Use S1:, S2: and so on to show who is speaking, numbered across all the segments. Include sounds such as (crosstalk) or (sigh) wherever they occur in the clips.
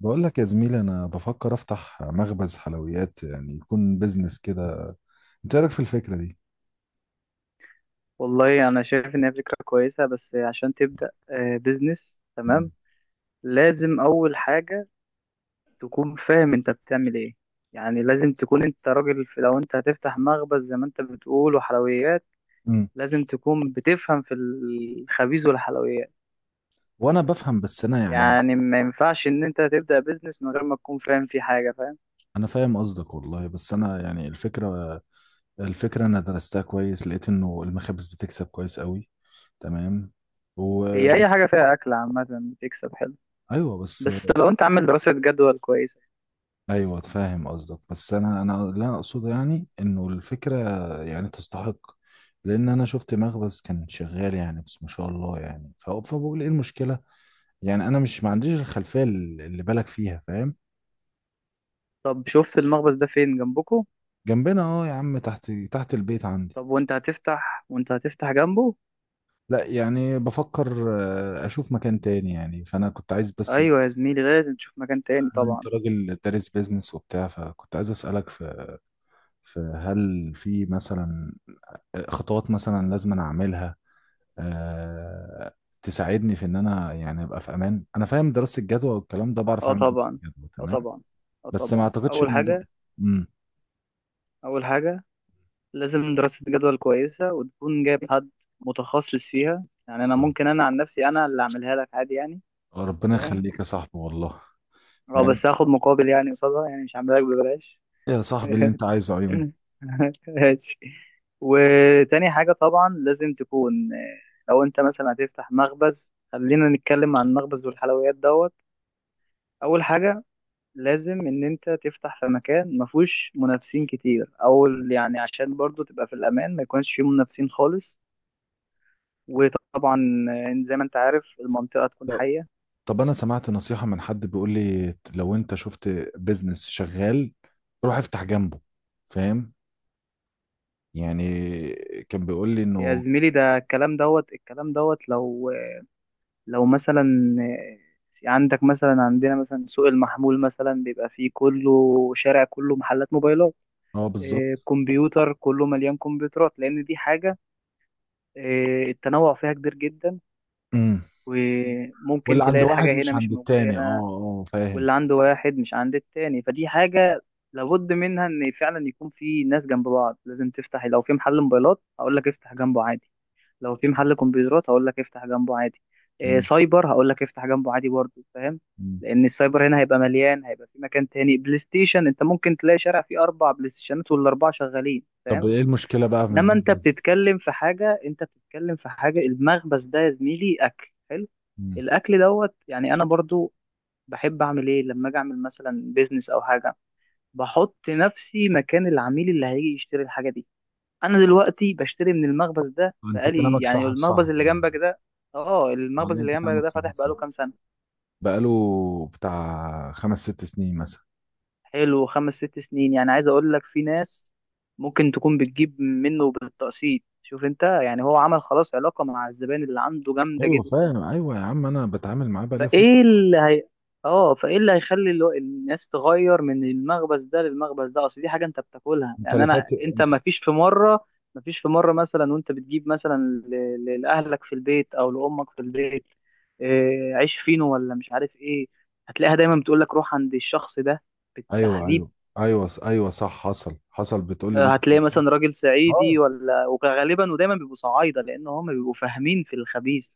S1: بقول لك يا زميلي، انا بفكر افتح مخبز حلويات، يعني يكون بيزنس كده. انت إيه رايك في الفكره دي؟
S2: والله انا شايف ان هي فكره كويسه، بس عشان تبدا بزنس تمام لازم اول حاجه تكون فاهم انت بتعمل ايه. يعني لازم تكون انت راجل في، لو انت هتفتح مخبز زي ما انت بتقول وحلويات.
S1: امم
S2: لازم تكون بتفهم في الخبيز والحلويات.
S1: وانا بفهم بس انا يعني...
S2: يعني ما ينفعش ان انت تبدا بزنس من غير ما تكون فاهم فيه حاجه، فاهم؟
S1: انا فاهم قصدك والله، بس انا يعني الفكره، الفكره انا درستها كويس، لقيت انه المخابز بتكسب كويس قوي. تمام، و...
S2: هي اي حاجه فيها اكل عامه تكسب حلو،
S1: ايوه بس.
S2: بس لو انت عامل دراسه جدوى كويسه.
S1: ايوه فاهم قصدك، بس انا لا اقصد يعني انه الفكره يعني تستحق، لان انا شفت مخبز كان شغال يعني، بس ما شاء الله يعني. فبقول ايه المشكله؟ يعني انا مش ما عنديش الخلفيه اللي بالك فيها، فاهم؟
S2: طب شفت المخبز ده فين؟ جنبكم؟
S1: جنبنا اه يا عم، تحت تحت البيت عندي.
S2: طب، وانت هتفتح جنبه؟
S1: لا يعني بفكر، اشوف مكان تاني، يعني فانا كنت عايز بس.
S2: ايوه يا زميلي، لازم تشوف مكان تاني
S1: أنا انت
S2: طبعا.
S1: راجل دارس بيزنس وبتاع، فكنت عايز اسالك في, هل في مثلا خطوات مثلا لازم انا اعملها، آه، تساعدني في ان انا يعني ابقى في امان. انا فاهم دراسه الجدوى والكلام ده، بعرف
S2: اه
S1: اعمل دراسه
S2: طبعا،
S1: الجدوى
S2: اه
S1: تمام،
S2: طبعا، اه
S1: بس ما
S2: طبعا.
S1: اعتقدش
S2: اول
S1: الموضوع.
S2: حاجه
S1: امم
S2: اول حاجه لازم دراسه جدول كويسه وتكون جايب حد متخصص فيها. يعني انا ممكن، انا عن نفسي انا اللي اعملها لك عادي يعني،
S1: ربنا
S2: فاهم؟
S1: يخليك يا صاحبي والله.
S2: اه،
S1: يعني
S2: بس هاخد مقابل يعني قصادها، يعني مش هعملها لك ببلاش.
S1: يا صاحبي اللي
S2: (laughs)
S1: انت عايزه عيوني.
S2: ماشي. وتاني حاجه طبعا لازم تكون لو انت مثلا هتفتح مخبز، خلينا نتكلم عن المخبز والحلويات دوت. اول حاجه لازم ان انت تفتح في مكان ما فيهوش منافسين كتير، او يعني عشان برضو تبقى في الامان ما يكونش فيه منافسين خالص. وطبعا زي ما انت عارف المنطقة تكون
S1: طب-
S2: حية.
S1: طب انا سمعت نصيحة من حد بيقول لي، لو انت شفت بيزنس شغال روح افتح جنبه، فاهم؟ يعني كان بيقول لي
S2: يا
S1: انه...
S2: زميلي، ده الكلام دوت لو مثلا عندك مثلا، عندنا مثلا سوق المحمول مثلا بيبقى فيه كله، شارع كله محلات موبايلات،
S1: اه بالظبط.
S2: كمبيوتر، كله مليان كمبيوترات، لان دي حاجة التنوع فيها كبير جدا.
S1: امم
S2: وممكن
S1: واللي عند
S2: تلاقي
S1: واحد
S2: الحاجة هنا
S1: مش
S2: مش
S1: عند
S2: موجودة
S1: التاني، اه
S2: هنا،
S1: اه، فاهم.
S2: واللي عنده واحد مش عند التاني، فدي حاجة لابد منها، ان فعلا يكون في ناس جنب بعض لازم تفتح. لو في محل موبايلات هقول لك افتح جنبه عادي، لو في محل كمبيوترات هقول لك افتح جنبه عادي، إيه
S1: مم.
S2: سايبر هقول لك افتح جنبه عادي برضه، فاهم؟
S1: مم.
S2: لان السايبر هنا هيبقى مليان، هيبقى في مكان تاني بلاي ستيشن انت ممكن تلاقي شارع فيه 4 بلاي ستيشنات والاربعه شغالين،
S1: طب
S2: فاهم؟
S1: ايه المشكلة بقى من
S2: انما انت
S1: المخبز؟
S2: بتتكلم في حاجه انت بتتكلم في حاجه المخبز ده يا زميلي اكل حلو.
S1: مم.
S2: الاكل دوت يعني، انا برضو بحب اعمل ايه؟ لما اجي اعمل مثلا بيزنس او حاجه بحط نفسي مكان العميل اللي هيجي يشتري الحاجه دي. انا دلوقتي بشتري من المخبز ده
S1: انت
S2: بقالي
S1: كلامك
S2: يعني،
S1: صح، الصح
S2: المخبز اللي جنبك
S1: خلاني.
S2: ده. اه، المخبز
S1: والله
S2: اللي
S1: انت
S2: جنبك
S1: كلامك
S2: ده
S1: صح،
S2: فاتح بقاله
S1: الصح
S2: كام سنه؟
S1: بقاله بتاع خمس ست سنين مثلا.
S2: حلو، 5-6 سنين يعني. عايز اقول لك في ناس ممكن تكون بتجيب منه بالتقسيط. شوف انت يعني، هو عمل خلاص علاقه مع الزبائن اللي عنده جامده
S1: ايوه فاهم،
S2: جدا.
S1: ايوه يا عم انا بتعامل معاه بقالي فترة.
S2: فايه اللي هي اه فايه اللي هيخلي الناس تغير من المخبز ده للمخبز ده، اصل دي حاجه انت بتاكلها
S1: انت
S2: يعني.
S1: لفت
S2: انت
S1: انت.
S2: ما فيش في مره مثلا وانت بتجيب مثلا لاهلك في البيت او لامك في البيت، إيه عيش فينو ولا مش عارف ايه، هتلاقيها دايما بتقول لك روح عند الشخص ده
S1: ايوه
S2: بالتحديد.
S1: ايوه. ايوه ايوه صح، حصل حصل بتقول لي مثلا.
S2: هتلاقي مثلا راجل
S1: اه
S2: صعيدي، ولا وغالبا ودايما بيبقوا صعايده، لان هم بيبقوا فاهمين في الخبيث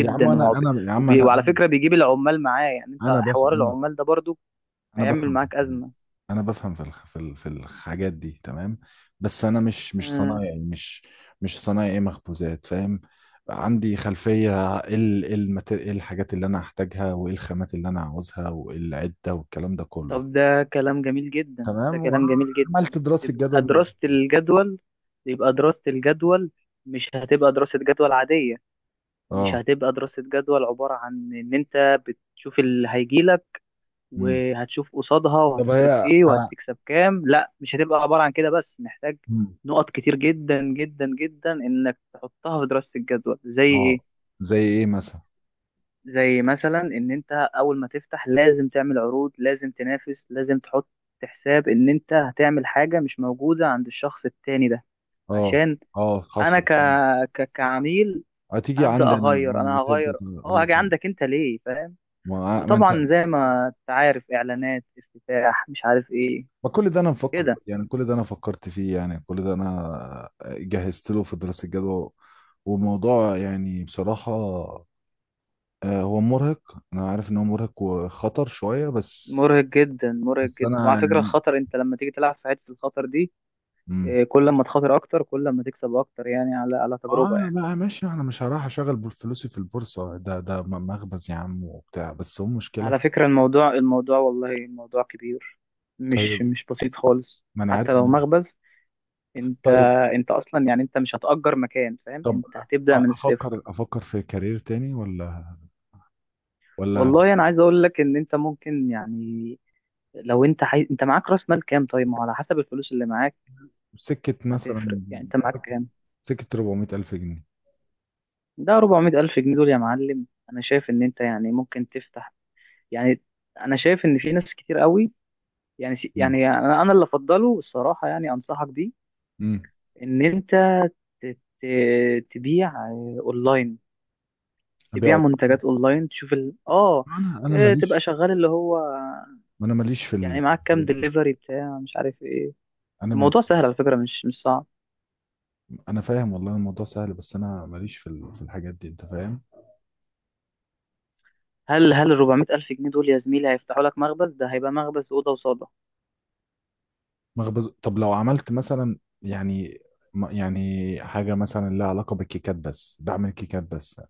S1: يا عم انا، انا يا عم انا
S2: وعلى فكره بيجيب العمال معاه، يعني انت
S1: انا بفهم
S2: حوار
S1: انا.
S2: العمال ده برضو
S1: انا
S2: هيعمل
S1: بفهم في
S2: معاك
S1: الفلوس.
S2: ازمه.
S1: انا بفهم في في في الحاجات دي تمام، بس انا مش
S2: مم.
S1: صنايعي، مش صنايعي مخبوزات، فاهم؟ عندي خلفية ايه إيه إيه الحاجات اللي انا هحتاجها، وايه الخامات اللي انا عاوزها، وايه العدة والكلام ده كله.
S2: طب ده كلام جميل جدا،
S1: تمام،
S2: ده كلام جميل جدا.
S1: وعملت دراسة
S2: يبقى
S1: جدوى.
S2: دراسه الجدول يبقى دراسه الجدول مش هتبقى دراسه جدول عاديه، مش
S1: اه.
S2: هتبقى دراسه جدول عباره عن ان انت بتشوف اللي هيجيلك
S1: امم
S2: وهتشوف قصادها،
S1: طب
S2: وهتصرف
S1: هي
S2: ايه
S1: انا...
S2: وهتكسب كام، لا، مش هتبقى عبارة عن كده بس. محتاج
S1: مم.
S2: نقط كتير جدا جدا جدا انك تحطها في دراسة الجدوى، زي ايه؟
S1: اه زي ايه مثلا.
S2: زي مثلا ان انت اول ما تفتح لازم تعمل عروض، لازم تنافس، لازم تحط حساب ان انت هتعمل حاجة مش موجودة عند الشخص التاني ده،
S1: اه
S2: عشان
S1: اه
S2: انا
S1: حصل فعلا.
S2: كعميل
S1: هتيجي
S2: هبدأ
S1: عندي انا،
S2: اغير، انا هغير.
S1: تبدا
S2: اه
S1: الله
S2: هاجي
S1: فعلا.
S2: عندك انت ليه، فاهم؟
S1: ما انت...
S2: وطبعا زي ما انت عارف، اعلانات افتتاح مش عارف ايه،
S1: ما كل ده انا مفكر
S2: كده.
S1: يعني، كل ده انا فكرت فيه، يعني كل ده انا جهزت له في دراسه الجدوى. وموضوع يعني بصراحه هو مرهق، انا عارف ان هو مرهق وخطر شويه بس.
S2: مرهق جدا، مرهق
S1: بس
S2: جدا.
S1: انا
S2: وعلى فكرة
S1: يعني...
S2: الخطر، انت لما تيجي تلعب في حتة الخطر دي
S1: امم
S2: كل ما تخاطر اكتر كل ما تكسب اكتر، يعني على تجربة
S1: اه
S2: يعني.
S1: بقى ماشي، انا مش هروح اشغل فلوسي في البورصه. ده ده مخبز يا عم وبتاع، بس هو
S2: على
S1: مشكله.
S2: فكرة، الموضوع والله الموضوع كبير،
S1: طيب
S2: مش بسيط خالص،
S1: ما انا
S2: حتى
S1: عارف
S2: لو مخبز. انت
S1: طيب.
S2: انت اصلا يعني انت مش هتأجر مكان، فاهم؟
S1: طب
S2: انت هتبدأ من الصفر.
S1: افكر في كارير تاني، ولا
S2: والله انا عايز اقول لك ان انت ممكن يعني، لو انت انت معاك راس مال كام؟ طيب، ما هو على حسب الفلوس اللي معاك
S1: سكة
S2: هتفرق،
S1: مثلا.
S2: يعني انت معاك
S1: سكة.
S2: كام؟
S1: سكة 400 الف جنيه.
S2: ده 400 ألف جنيه دول يا معلم. أنا شايف إن أنت يعني ممكن تفتح يعني، أنا شايف إن في ناس كتير قوي يعني
S1: امم
S2: يعني أنا اللي أفضله الصراحة، يعني أنصحك بيه
S1: امم
S2: إن أنت تبيع أونلاين.
S1: ابيع
S2: تبيع
S1: أوضة.
S2: منتجات أونلاين، تشوف ال... آه
S1: انا
S2: آه، تبقى
S1: ماليش.
S2: شغال اللي هو،
S1: انا ماليش في
S2: يعني
S1: في
S2: معاك كام
S1: الحاجات دي.
S2: دليفري بتاع مش عارف إيه.
S1: انا ما...
S2: الموضوع سهل على فكرة، مش صعب.
S1: انا فاهم والله الموضوع سهل، بس انا ماليش في في الحاجات دي، انت فاهم؟
S2: هل ال 400 ألف جنيه دول يا زميلي هيفتحوا لك مخبز؟ ده هيبقى مخبز أوضة وصالة.
S1: مخبز. طب لو عملت مثلا يعني يعني حاجة مثلا لها علاقة بالكيكات بس، بعمل كيكات بس.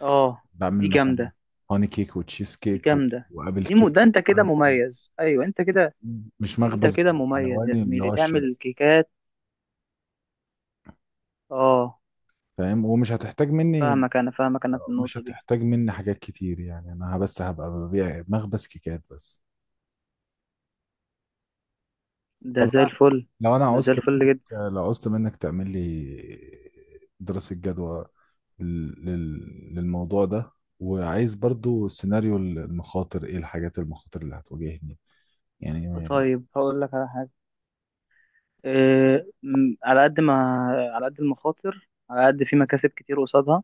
S2: آه، دي
S1: بعمل مثلا
S2: جامدة،
S1: هوني كيك وتشيز
S2: دي
S1: كيك
S2: جامدة،
S1: وابل كيك
S2: ده انت كده
S1: وكارب.
S2: مميز، ايوه انت كده.
S1: مش
S2: انت
S1: مخبز
S2: كده مميز يا
S1: حلواني اللي
S2: زميلي،
S1: هو الشرق،
S2: تعمل كيكات. اه،
S1: فاهم؟ ومش هتحتاج مني،
S2: فاهمك انا، فاهمك انا في
S1: مش
S2: النقطة دي.
S1: هتحتاج مني حاجات كتير يعني، انا بس هبقى ببيع مخبز كيكات بس.
S2: ده
S1: طب
S2: زي
S1: بقى
S2: الفل،
S1: لو انا
S2: ده زي
S1: عوزت
S2: الفل
S1: منك،
S2: جدا.
S1: لو عوزت منك تعمل لي دراسة جدوى للموضوع ده، وعايز برضو سيناريو المخاطر، ايه الحاجات المخاطر اللي هتواجهني يعني.
S2: طيب هقول لك على حاجة. على قد ما، على قد المخاطر على قد في مكاسب كتير قصادها.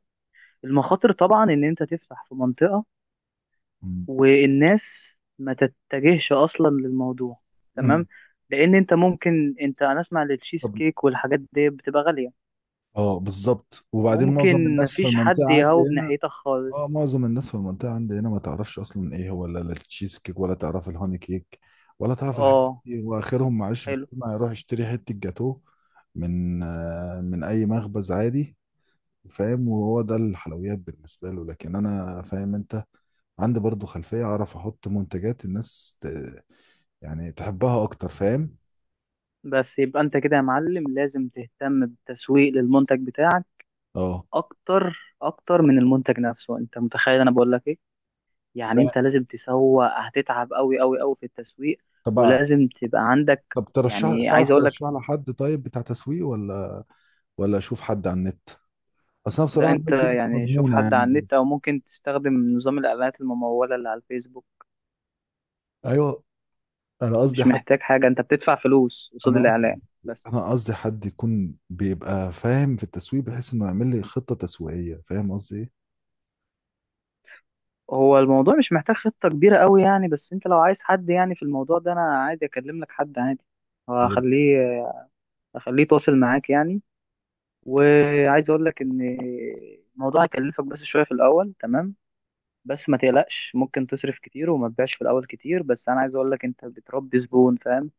S2: المخاطر طبعا ان انت تفتح في منطقة
S1: م-
S2: والناس ما تتجهش اصلا للموضوع،
S1: م-
S2: تمام. لان انت ممكن، انت انا اسمع التشيز
S1: طب
S2: كيك والحاجات دي بتبقى غالية،
S1: اه بالظبط. وبعدين معظم
S2: ممكن
S1: الناس في
S2: مفيش
S1: المنطقة
S2: حد
S1: عندي
S2: يهوب
S1: هنا،
S2: ناحيتك
S1: اه
S2: خالص.
S1: معظم الناس في المنطقة عندي هنا ما تعرفش أصلا إيه هو، لا التشيز كيك ولا تعرف الهوني كيك ولا تعرف الحاجات
S2: اه
S1: دي. وآخرهم معلش في
S2: حلو.
S1: الكلمة يروح يشتري حتة جاتوه من، من أي مخبز عادي، فاهم؟ وهو ده الحلويات بالنسبة له. لكن أنا فاهم أنت، عندي برضو خلفية أعرف أحط منتجات الناس يعني تحبها أكتر، فاهم؟
S2: بس يبقى انت كده يا معلم، لازم تهتم بالتسويق للمنتج بتاعك
S1: اه.
S2: اكتر، اكتر من المنتج نفسه. انت متخيل انا بقول لك ايه؟ يعني انت
S1: ف...
S2: لازم تسوق، هتتعب قوي قوي قوي في التسويق.
S1: طب.
S2: ولازم تبقى عندك
S1: طب ترشح،
S2: يعني،
S1: تعرف
S2: عايز اقول لك،
S1: ترشح لحد طيب بتاع تسويق، ولا ولا أشوف حد على النت؟ أصل أنا
S2: ده
S1: بصراحة
S2: انت
S1: الناس دي مش
S2: يعني شوف
S1: مضمونة
S2: حد على
S1: يعني.
S2: النت او ممكن تستخدم نظام الاعلانات الممولة اللي على الفيسبوك.
S1: ايوه. انا قصدي
S2: مش
S1: حد،
S2: محتاج حاجة، انت بتدفع فلوس قصاد
S1: انا قصدي،
S2: الاعلان بس.
S1: انا قصدي حد يكون بيبقى فاهم في التسويق، بحيث انه يعمل لي خطة تسويقية، فاهم قصدي ايه؟
S2: هو الموضوع مش محتاج خطة كبيرة قوي يعني، بس انت لو عايز حد يعني في الموضوع ده انا عادي اكلم لك حد عادي.
S1: يا رب.
S2: هخليه هخليه يتواصل معاك يعني. وعايز اقول لك ان الموضوع هيكلفك بس شوية في الاول، تمام. بس ما تقلقش، ممكن تصرف كتير وما تبيعش في الاول كتير، بس انا عايز اقول لك انت بتربي زبون، فاهم؟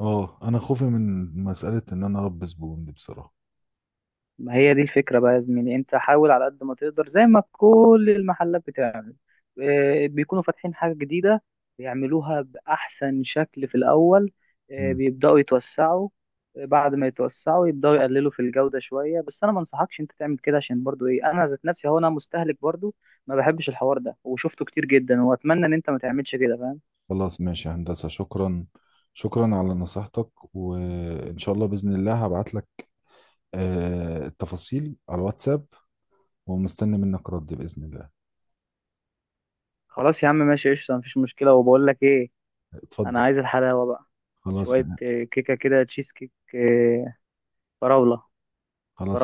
S1: اه، انا خوفي من مسألة ان انا اربي زبون دي بصراحة.
S2: ما هي دي الفكرة بقى يا زميلي. انت حاول على قد ما تقدر، زي ما كل المحلات بتعمل. بيكونوا فاتحين حاجة جديدة بيعملوها بأحسن شكل في الأول،
S1: مم.
S2: بيبدأوا يتوسعوا، بعد ما يتوسعوا يبدأوا يقللوا في الجودة شوية. بس أنا ما انصحكش انت تعمل كده، عشان برضو ايه، أنا ذات نفسي هو أنا مستهلك برضو. ما بحبش الحوار ده وشفته كتير جدا، وأتمنى إن انت ما تعملش كده، فاهم؟
S1: خلاص ماشي يا هندسة، شكرا. شكرا على نصيحتك، وان شاء الله بإذن الله هبعت لك، التفاصيل على الواتساب، ومستني منك رد بإذن الله.
S2: خلاص يا عم ماشي، قشطة، مفيش مشكلة. وبقول لك ايه، أنا
S1: اتفضل.
S2: عايز الحلاوة بقى.
S1: خلاص.
S2: شوية كيكة كده، تشيز كيك فراولة.
S1: خلاص.